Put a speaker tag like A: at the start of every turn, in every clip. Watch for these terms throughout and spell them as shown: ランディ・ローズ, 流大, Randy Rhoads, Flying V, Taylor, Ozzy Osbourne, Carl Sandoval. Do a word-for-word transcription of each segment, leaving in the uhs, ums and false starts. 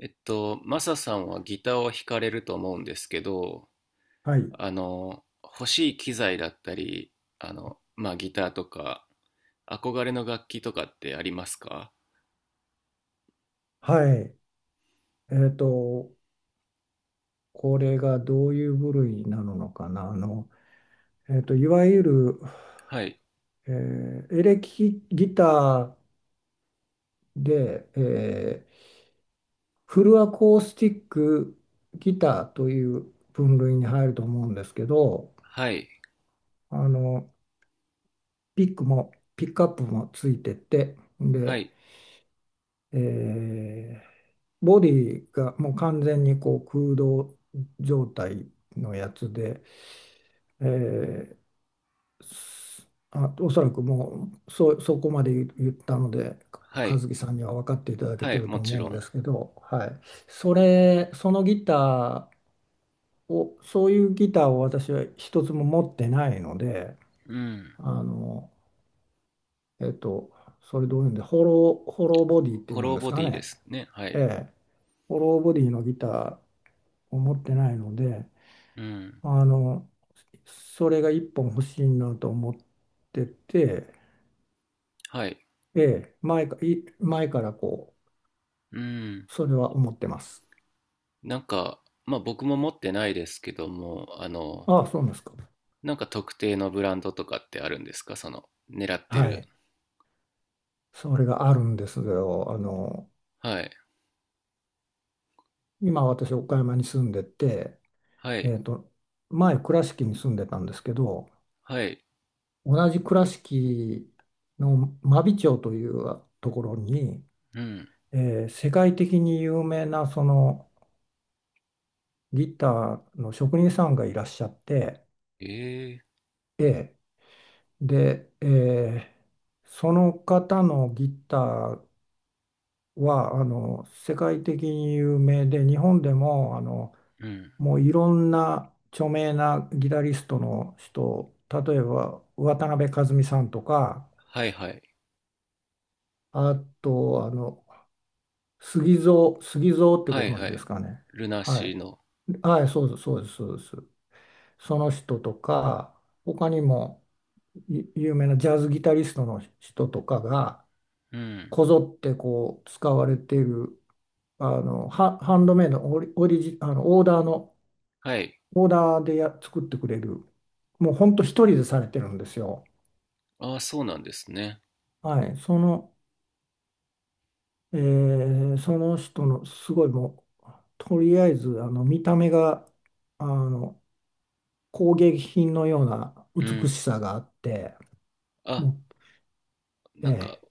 A: えっと、マサさんはギターを弾かれると思うんですけど、
B: はい。
A: あの、欲しい機材だったり、あの、まあ、ギターとか、憧れの楽器とかってありますか？
B: はい。えっと、これがどういう部類なのかな。あの、えっと、いわゆる、
A: はい、
B: えーエレキギターで、えーフルアコースティックギターという分類に入ると思うんですけど、
A: はい、
B: あの、ピックも、ピックアップもついてて、
A: は
B: で、
A: い、
B: えーボディがもう完全にこう空洞状態のやつで、えーあ、おそらくもうそ、そこまで言ったので、
A: は
B: 和
A: い、
B: 樹さんには分かっていただけ
A: は
B: て
A: い、
B: る
A: も
B: と
A: ち
B: 思う
A: ろ
B: んで
A: ん。
B: すけど、はい、それ、そのギターを、そういうギターを私は一つも持ってないので、
A: うん。
B: あの、えっと、それどういうんで、ホロー、ホローボディってい
A: ホ
B: うん
A: ロー
B: です
A: ボデ
B: か
A: ィで
B: ね、
A: すね。は
B: え
A: い。
B: え、ホローボディのギターを持ってないので、
A: うん。
B: あの、それが一本欲しいなと思ってて、
A: はい。
B: ええ、前か、い、前からこ
A: うん。
B: う、それは思ってます。
A: なんか、まあ、僕も持ってないですけども、あの、
B: ああ、そうなんですか。
A: なんか特定のブランドとかってあるんですか、その、狙って
B: は
A: る。
B: い。それがあるんですよ。あの、
A: はい、
B: 今私、岡山に住んでて、
A: は
B: え
A: い、
B: っと、前、倉敷に住んでたんですけど、
A: はい。
B: 同じ倉敷の真備町というところに、
A: うん。
B: えー世界的に有名なそのギターの職人さんがいらっしゃって、
A: ええ、
B: ええ、で、えーその方のギターはあの世界的に有名で、日本でもあの、
A: うん。
B: もういろんな著名なギタリストの人、例えば渡辺和美さんとか、
A: はいはい。
B: あとあの、杉蔵杉蔵って
A: は
B: ご
A: い
B: 存
A: は
B: 知で
A: い。
B: すかね。
A: ルナ
B: は
A: シー
B: い
A: の。
B: はい、そうですそうですそうです。その人とか、他にもゆ有名なジャズギタリストの人とかが
A: うん。
B: こぞってこう使われている、あのハ、ハンドメイド、オリ、オリジ、あのオーダーの、
A: はい。
B: オーダーでや作ってくれる。もうほんと一人でされてるんですよ。
A: ああ、そうなんですね。
B: はい。その、えーその人のすごいもう、とりあえずあの見た目があの工芸品のような
A: う
B: 美し
A: ん。
B: さがあって、
A: あ、
B: もう、
A: なんか
B: え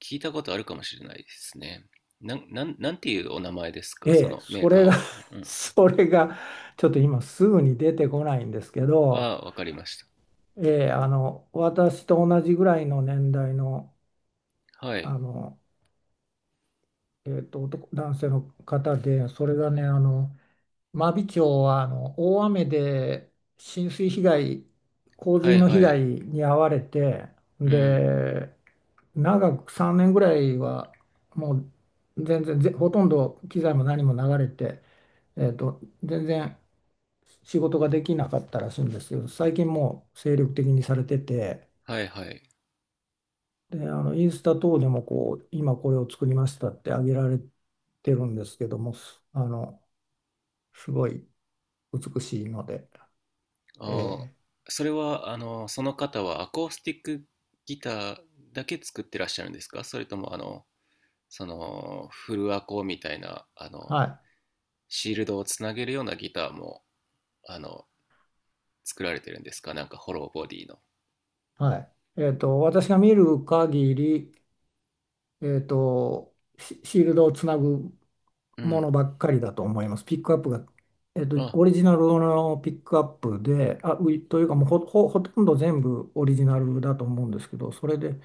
A: 聞いたことあるかもしれないですね。なん、なん、なんていうお名前です
B: え
A: か、
B: え
A: そ
B: え
A: のメ
B: そ
A: ーカー
B: れが
A: は。う ん。
B: それが、ちょっと今すぐに出てこないんですけ
A: あ
B: ど、
A: あ、わかりまし
B: ええあの、私と同じぐらいの年代の、
A: た。はい。
B: あの、えーと、男男性の方で、それがね、あの真備町はあの大雨で浸水被害、洪
A: は
B: 水
A: い
B: の被
A: は
B: 害
A: い。
B: に遭われて、
A: うん。
B: で、長くさんねんぐらいはもう全然ぜほとんど機材も何も流れて、えーと、全然仕事ができなかったらしいんですけど、最近もう精力的にされてて、
A: はいはい。
B: で、あのインスタ等でもこう、今これを作りましたってあげられてるんですけども、あの、すごい美しいので。え
A: ああ、
B: ー
A: それは、あの、その方はアコースティックギターだけ作ってらっしゃるんですか、それとも、あの、その、フルアコみたいな、あの、
B: は
A: シールドをつなげるようなギターも、あの、作られてるんですか、なんかホローボディの。
B: い、はい。えっと、私が見る限り、えっと、シシールドをつなぐ
A: う
B: も
A: ん。
B: のばっかりだと思います。ピックアップが、えっと、
A: あ、
B: オリジナルのピックアップで、あ、ういというかもうほ、ほ、ほとんど全部オリジナルだと思うんですけど、それで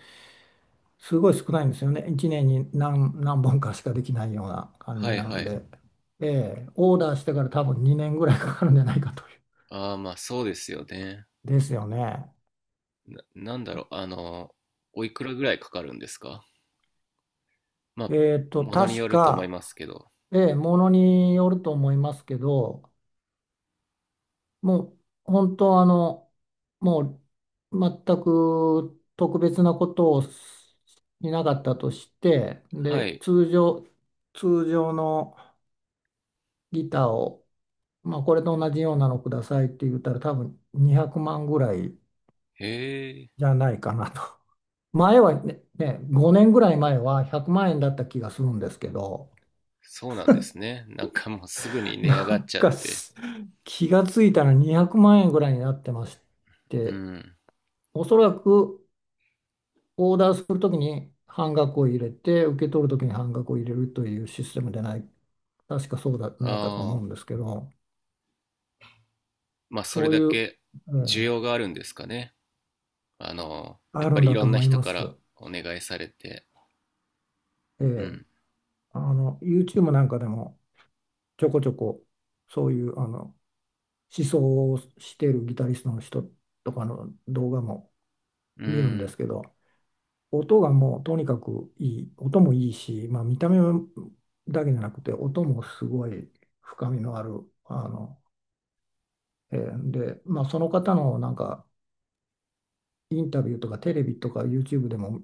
B: すごい少ないんですよね。いちねんに何、何本かしかできないような感
A: は
B: じ
A: い
B: な
A: は
B: の
A: い。
B: で、ええオーダーしてから多分にねんぐらいかかるんじゃないかという。
A: ああ、まあそうですよね。
B: ですよね。
A: な、なんだろう、あの、おいくらぐらいかかるんですか？まあ、
B: えっと、
A: ものに
B: 確
A: よると思い
B: か、
A: ますけど。
B: ええ、ものによると思いますけど、もう本当あの、もう全く特別なことをししなかったとして、
A: は
B: で、
A: い。
B: 通常、通常のギターを、まあ、これと同じようなのくださいって言ったら多分にひゃくまんぐらい
A: へえ、
B: じゃないかなと。前はね、ね、ごねんぐらい前はひゃくまん円だった気がするんですけど、
A: そうなんですね。なんかもうすぐに値上
B: な
A: がっ
B: ん
A: ちゃっ
B: か
A: て。
B: す気がついたらにひゃくまん円ぐらいになってまし
A: う
B: て、
A: ん。
B: おそらくオーダーするときに半額を入れて、受け取るときに半額を入れるというシステムでない、確かそうじゃないかと思
A: あ
B: うんで
A: あ、
B: すけど、
A: まあそれ
B: そう
A: だ
B: いう、
A: け
B: え
A: 需
B: え
A: 要があるんですかね。あの、や
B: あ
A: っ
B: る
A: ぱ
B: ん
A: りい
B: だ
A: ろ
B: と
A: んな
B: 思い
A: 人
B: ま
A: から
B: す。
A: お願いされて。
B: え
A: う
B: え
A: ん。
B: あの、YouTube なんかでもちょこちょこそういうあの思想をしているギタリストの人とかの動画も
A: う
B: 見るんで
A: ん。
B: すけど、音がもうとにかくいい、音もいいし、まあ、見た目だけじゃなくて、音もすごい深みのある、あの、えーで、まあ、その方のなんかインタビューとかテレビとか YouTube でも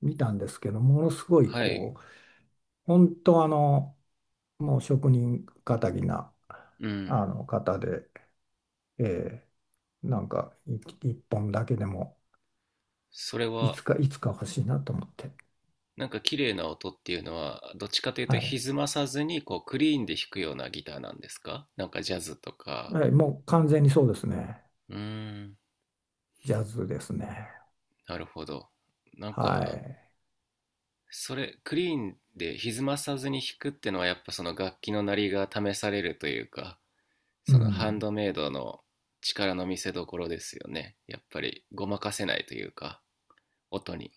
B: 見たんですけど、ものすごい
A: はい。
B: こう、本当あの、もう職人気な
A: う
B: あ
A: ん。
B: の方で、えーなんかい一本だけでも
A: それ
B: い
A: は、
B: つかいつか欲しいなと思って、
A: なんか綺麗な音っていうのは、どっちかというと
B: はい、
A: 歪まさずに、こう、クリーンで弾くようなギターなんですか、なんかジャズとか。
B: はい、もう完全にそうですね、
A: うーん。
B: ジャズですね。
A: なるほど。なん
B: は
A: か、
B: い。
A: それ、クリーンで歪まさずに弾くってのは、やっぱその楽器の鳴りが試されるというか、
B: う
A: そのハン
B: ん。
A: ドメイドの力の見せどころですよね。やっぱり、ごまかせないというか、音に。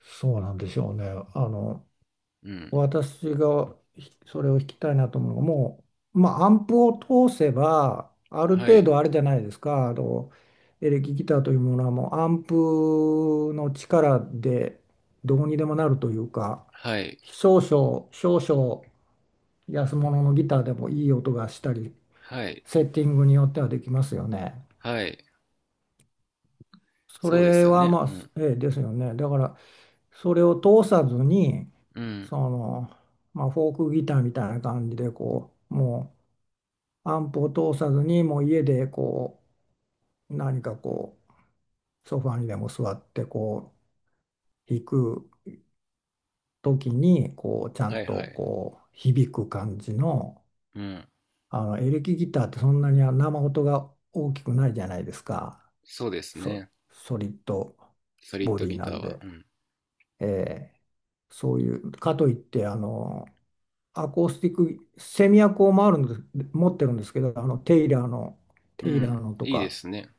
B: そうなんでしょうね。あの、
A: うん。
B: 私がひそれを聞きたいなと思うのが、もう、まあ、アンプを通せば、ある
A: は
B: 程
A: い。
B: 度あれじゃないですか。あの、エレキギターというものはもうアンプの力でどうにでもなるというか、
A: はい。
B: 少々、少々安物のギターでもいい音がしたり、
A: はい。
B: セッティングによってはできますよね。
A: はい。
B: そ
A: そうです
B: れ
A: よ
B: は
A: ね。
B: ま
A: うん
B: あ、ええですよね。だからそれを通さずに、
A: うん。
B: その、まあ、フォークギターみたいな感じでこう、もうアンプを通さずにもう家でこう何かこうソファにでも座ってこう弾く時にこうちゃ
A: は
B: ん
A: いは
B: と
A: い。
B: こう響く感じの、
A: うん。
B: あのエレキギターってそんなに生音が大きくないじゃないですか。
A: そうです
B: ソ、
A: ね。
B: ソリッド
A: ソリッ
B: ボ
A: ド
B: ディ
A: ギタ
B: な
A: ー
B: ん
A: は。
B: で、
A: うん。
B: えーそういうかといってあのアコースティック、セミアコを回るんです、持ってるんですけど、あのテイラーの、
A: う
B: テイラー
A: ん。
B: のと
A: いいで
B: か、
A: すね。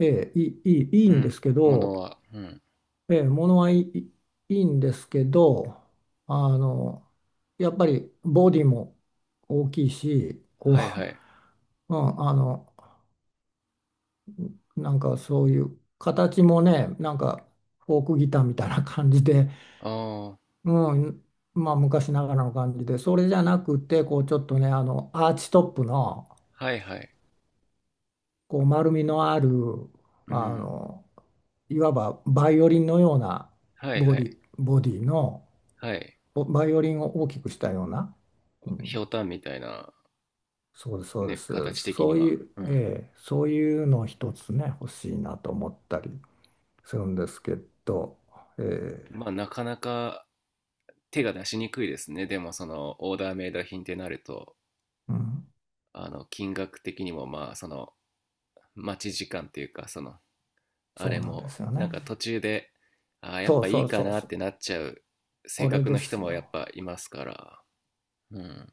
B: ええ、いい、いいいい
A: う
B: んです
A: ん。
B: け
A: も
B: ど、
A: のは。うん。
B: ええ、ものはいい、いいんですけど、あの、やっぱりボディも大きいし、こう、
A: はいはい。
B: うん、あの、なんかそういう形もね、なんかフォークギターみたいな感じで、
A: ああ。
B: うん、まあ昔ながらの感じで、それじゃなくて、こうちょっとね、あの、アーチトップの、
A: はいはい。
B: こう丸みのある
A: う
B: あ
A: ん。
B: のいわばバイオリンのような
A: はい
B: ボ
A: は
B: ディ、
A: い。
B: ボディの、
A: はい。
B: おバイオリンを大きくしたような、う
A: ひ
B: ん、
A: ょうたんみたいな、
B: そうですそうで
A: ね、形
B: す、
A: 的
B: そ
A: に
B: う
A: は。
B: いう、
A: うん。
B: ええそういうの一つね欲しいなと思ったりするんですけど、ええ
A: まあ、なかなか手が出しにくいですね。でも、その、オーダーメイド品ってなると、
B: うん、
A: あの、金額的にも、まあ、その、待ち時間っていうか、その、あ
B: そう
A: れ
B: なんで
A: も、
B: すよ
A: なん
B: ね。
A: か途中で、ああ、やっ
B: そう
A: ぱい
B: そ
A: い
B: う
A: か
B: そう
A: なっ
B: そ
A: て
B: う、
A: なっちゃう性
B: これ
A: 格
B: で
A: の人
B: す
A: もやっ
B: よ。
A: ぱいますから、うん。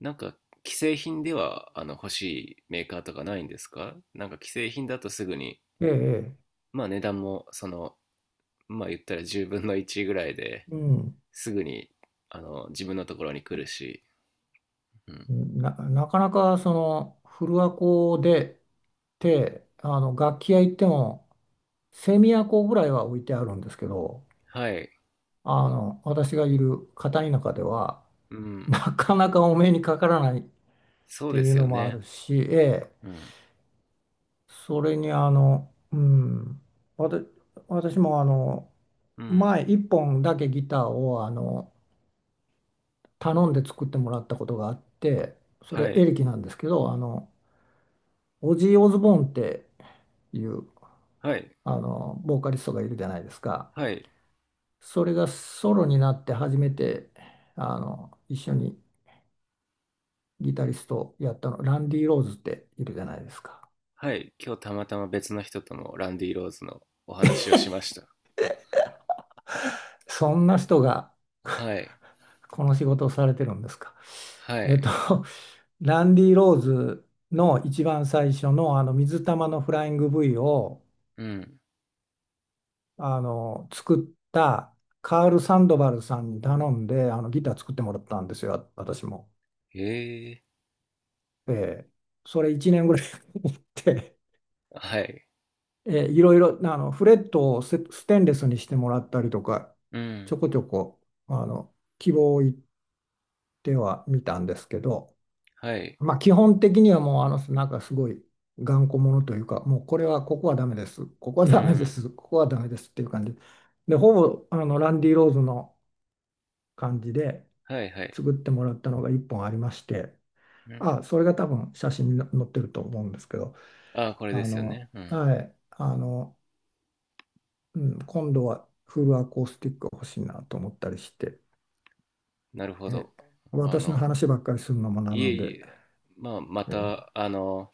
A: なんか、既製品では、あの、欲しいメーカーとかないんですか、なんか既製品だとすぐに、
B: ええええ
A: まあ値段も、その、まあ言ったらじゅうぶんのいちぐらいで
B: うん
A: すぐに、あの、自分のところに来るし、うん。
B: な、なかなかその古アコでてあの楽器屋行ってもセミアコぐらいは置いてあるんですけど、
A: はい。
B: あの私がいる片田舎では
A: うん。
B: なかなかお目にかからないっ
A: そう
B: て
A: で
B: いう
A: すよ
B: のもあ
A: ね。
B: るし、ええ、
A: うん。
B: それにあの、うん、わた私もあの
A: うん。
B: 前一本だけギターをあの頼んで作ってもらったことがあって、そ
A: は
B: れエ
A: い。
B: レキなんですけど、あのオジー・オズボーンっていう
A: はい。
B: あのボーカリストがいるじゃないですか。
A: はい。
B: それがソロになって初めてあの一緒にギタリストをやったのランディ・ローズっているじゃないですか。
A: はい、今日たまたま別の人ともランディ・ローズのお話をしました。
B: そんな人が
A: はい、
B: この仕事をされてるんですか。
A: は
B: えっと、
A: い、
B: ランディ・ローズの一番最初のあの水玉のフライング V を
A: うん、
B: あの作ったカール・サンドバルさんに頼んであのギター作ってもらったんですよ、私も。
A: へえ、
B: ええそれいちねんぐらいやって、
A: はい、
B: えーいろいろあのフレットをスステンレスにしてもらったりとか
A: う
B: ち
A: ん、
B: ょこちょこあの希望を言ってはみたんですけど、
A: はい、
B: まあ、基本的にはもうあのなんかすごい頑固者というか、もうこれはここはダメです、ここは
A: う
B: ダメで
A: ん、
B: す、ここはダメですっていう感じでほぼあのランディ・ローズの感じで
A: はい、はい、
B: 作ってもらったのがいっぽんありまして、
A: うん。
B: あそれが多分写真に載ってると思うんですけど、
A: ああ、これ
B: あ
A: ですよ
B: の
A: ね。うん、
B: はい、あのうん、今度はフルアコースティックが欲しいなと思ったりして、
A: なるほ
B: え、
A: ど。あ
B: 私の
A: の、
B: 話ばっかりするのもな
A: いえ
B: の
A: い
B: で、
A: え、まあ、ま
B: えー、
A: た、あの、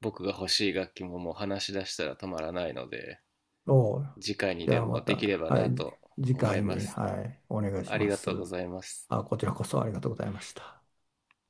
A: 僕が欲しい楽器ももう話し出したら止まらないので、
B: おう
A: 次回に
B: じゃ
A: で
B: あ
A: も
B: ま
A: で
B: た、
A: きれば
B: は
A: な
B: い、じ
A: と
B: 次
A: 思い
B: 回
A: ま
B: に、
A: す。
B: はい、お願いし
A: あり
B: ま
A: が
B: す。
A: とうございます。
B: あ、こちらこそありがとうございました。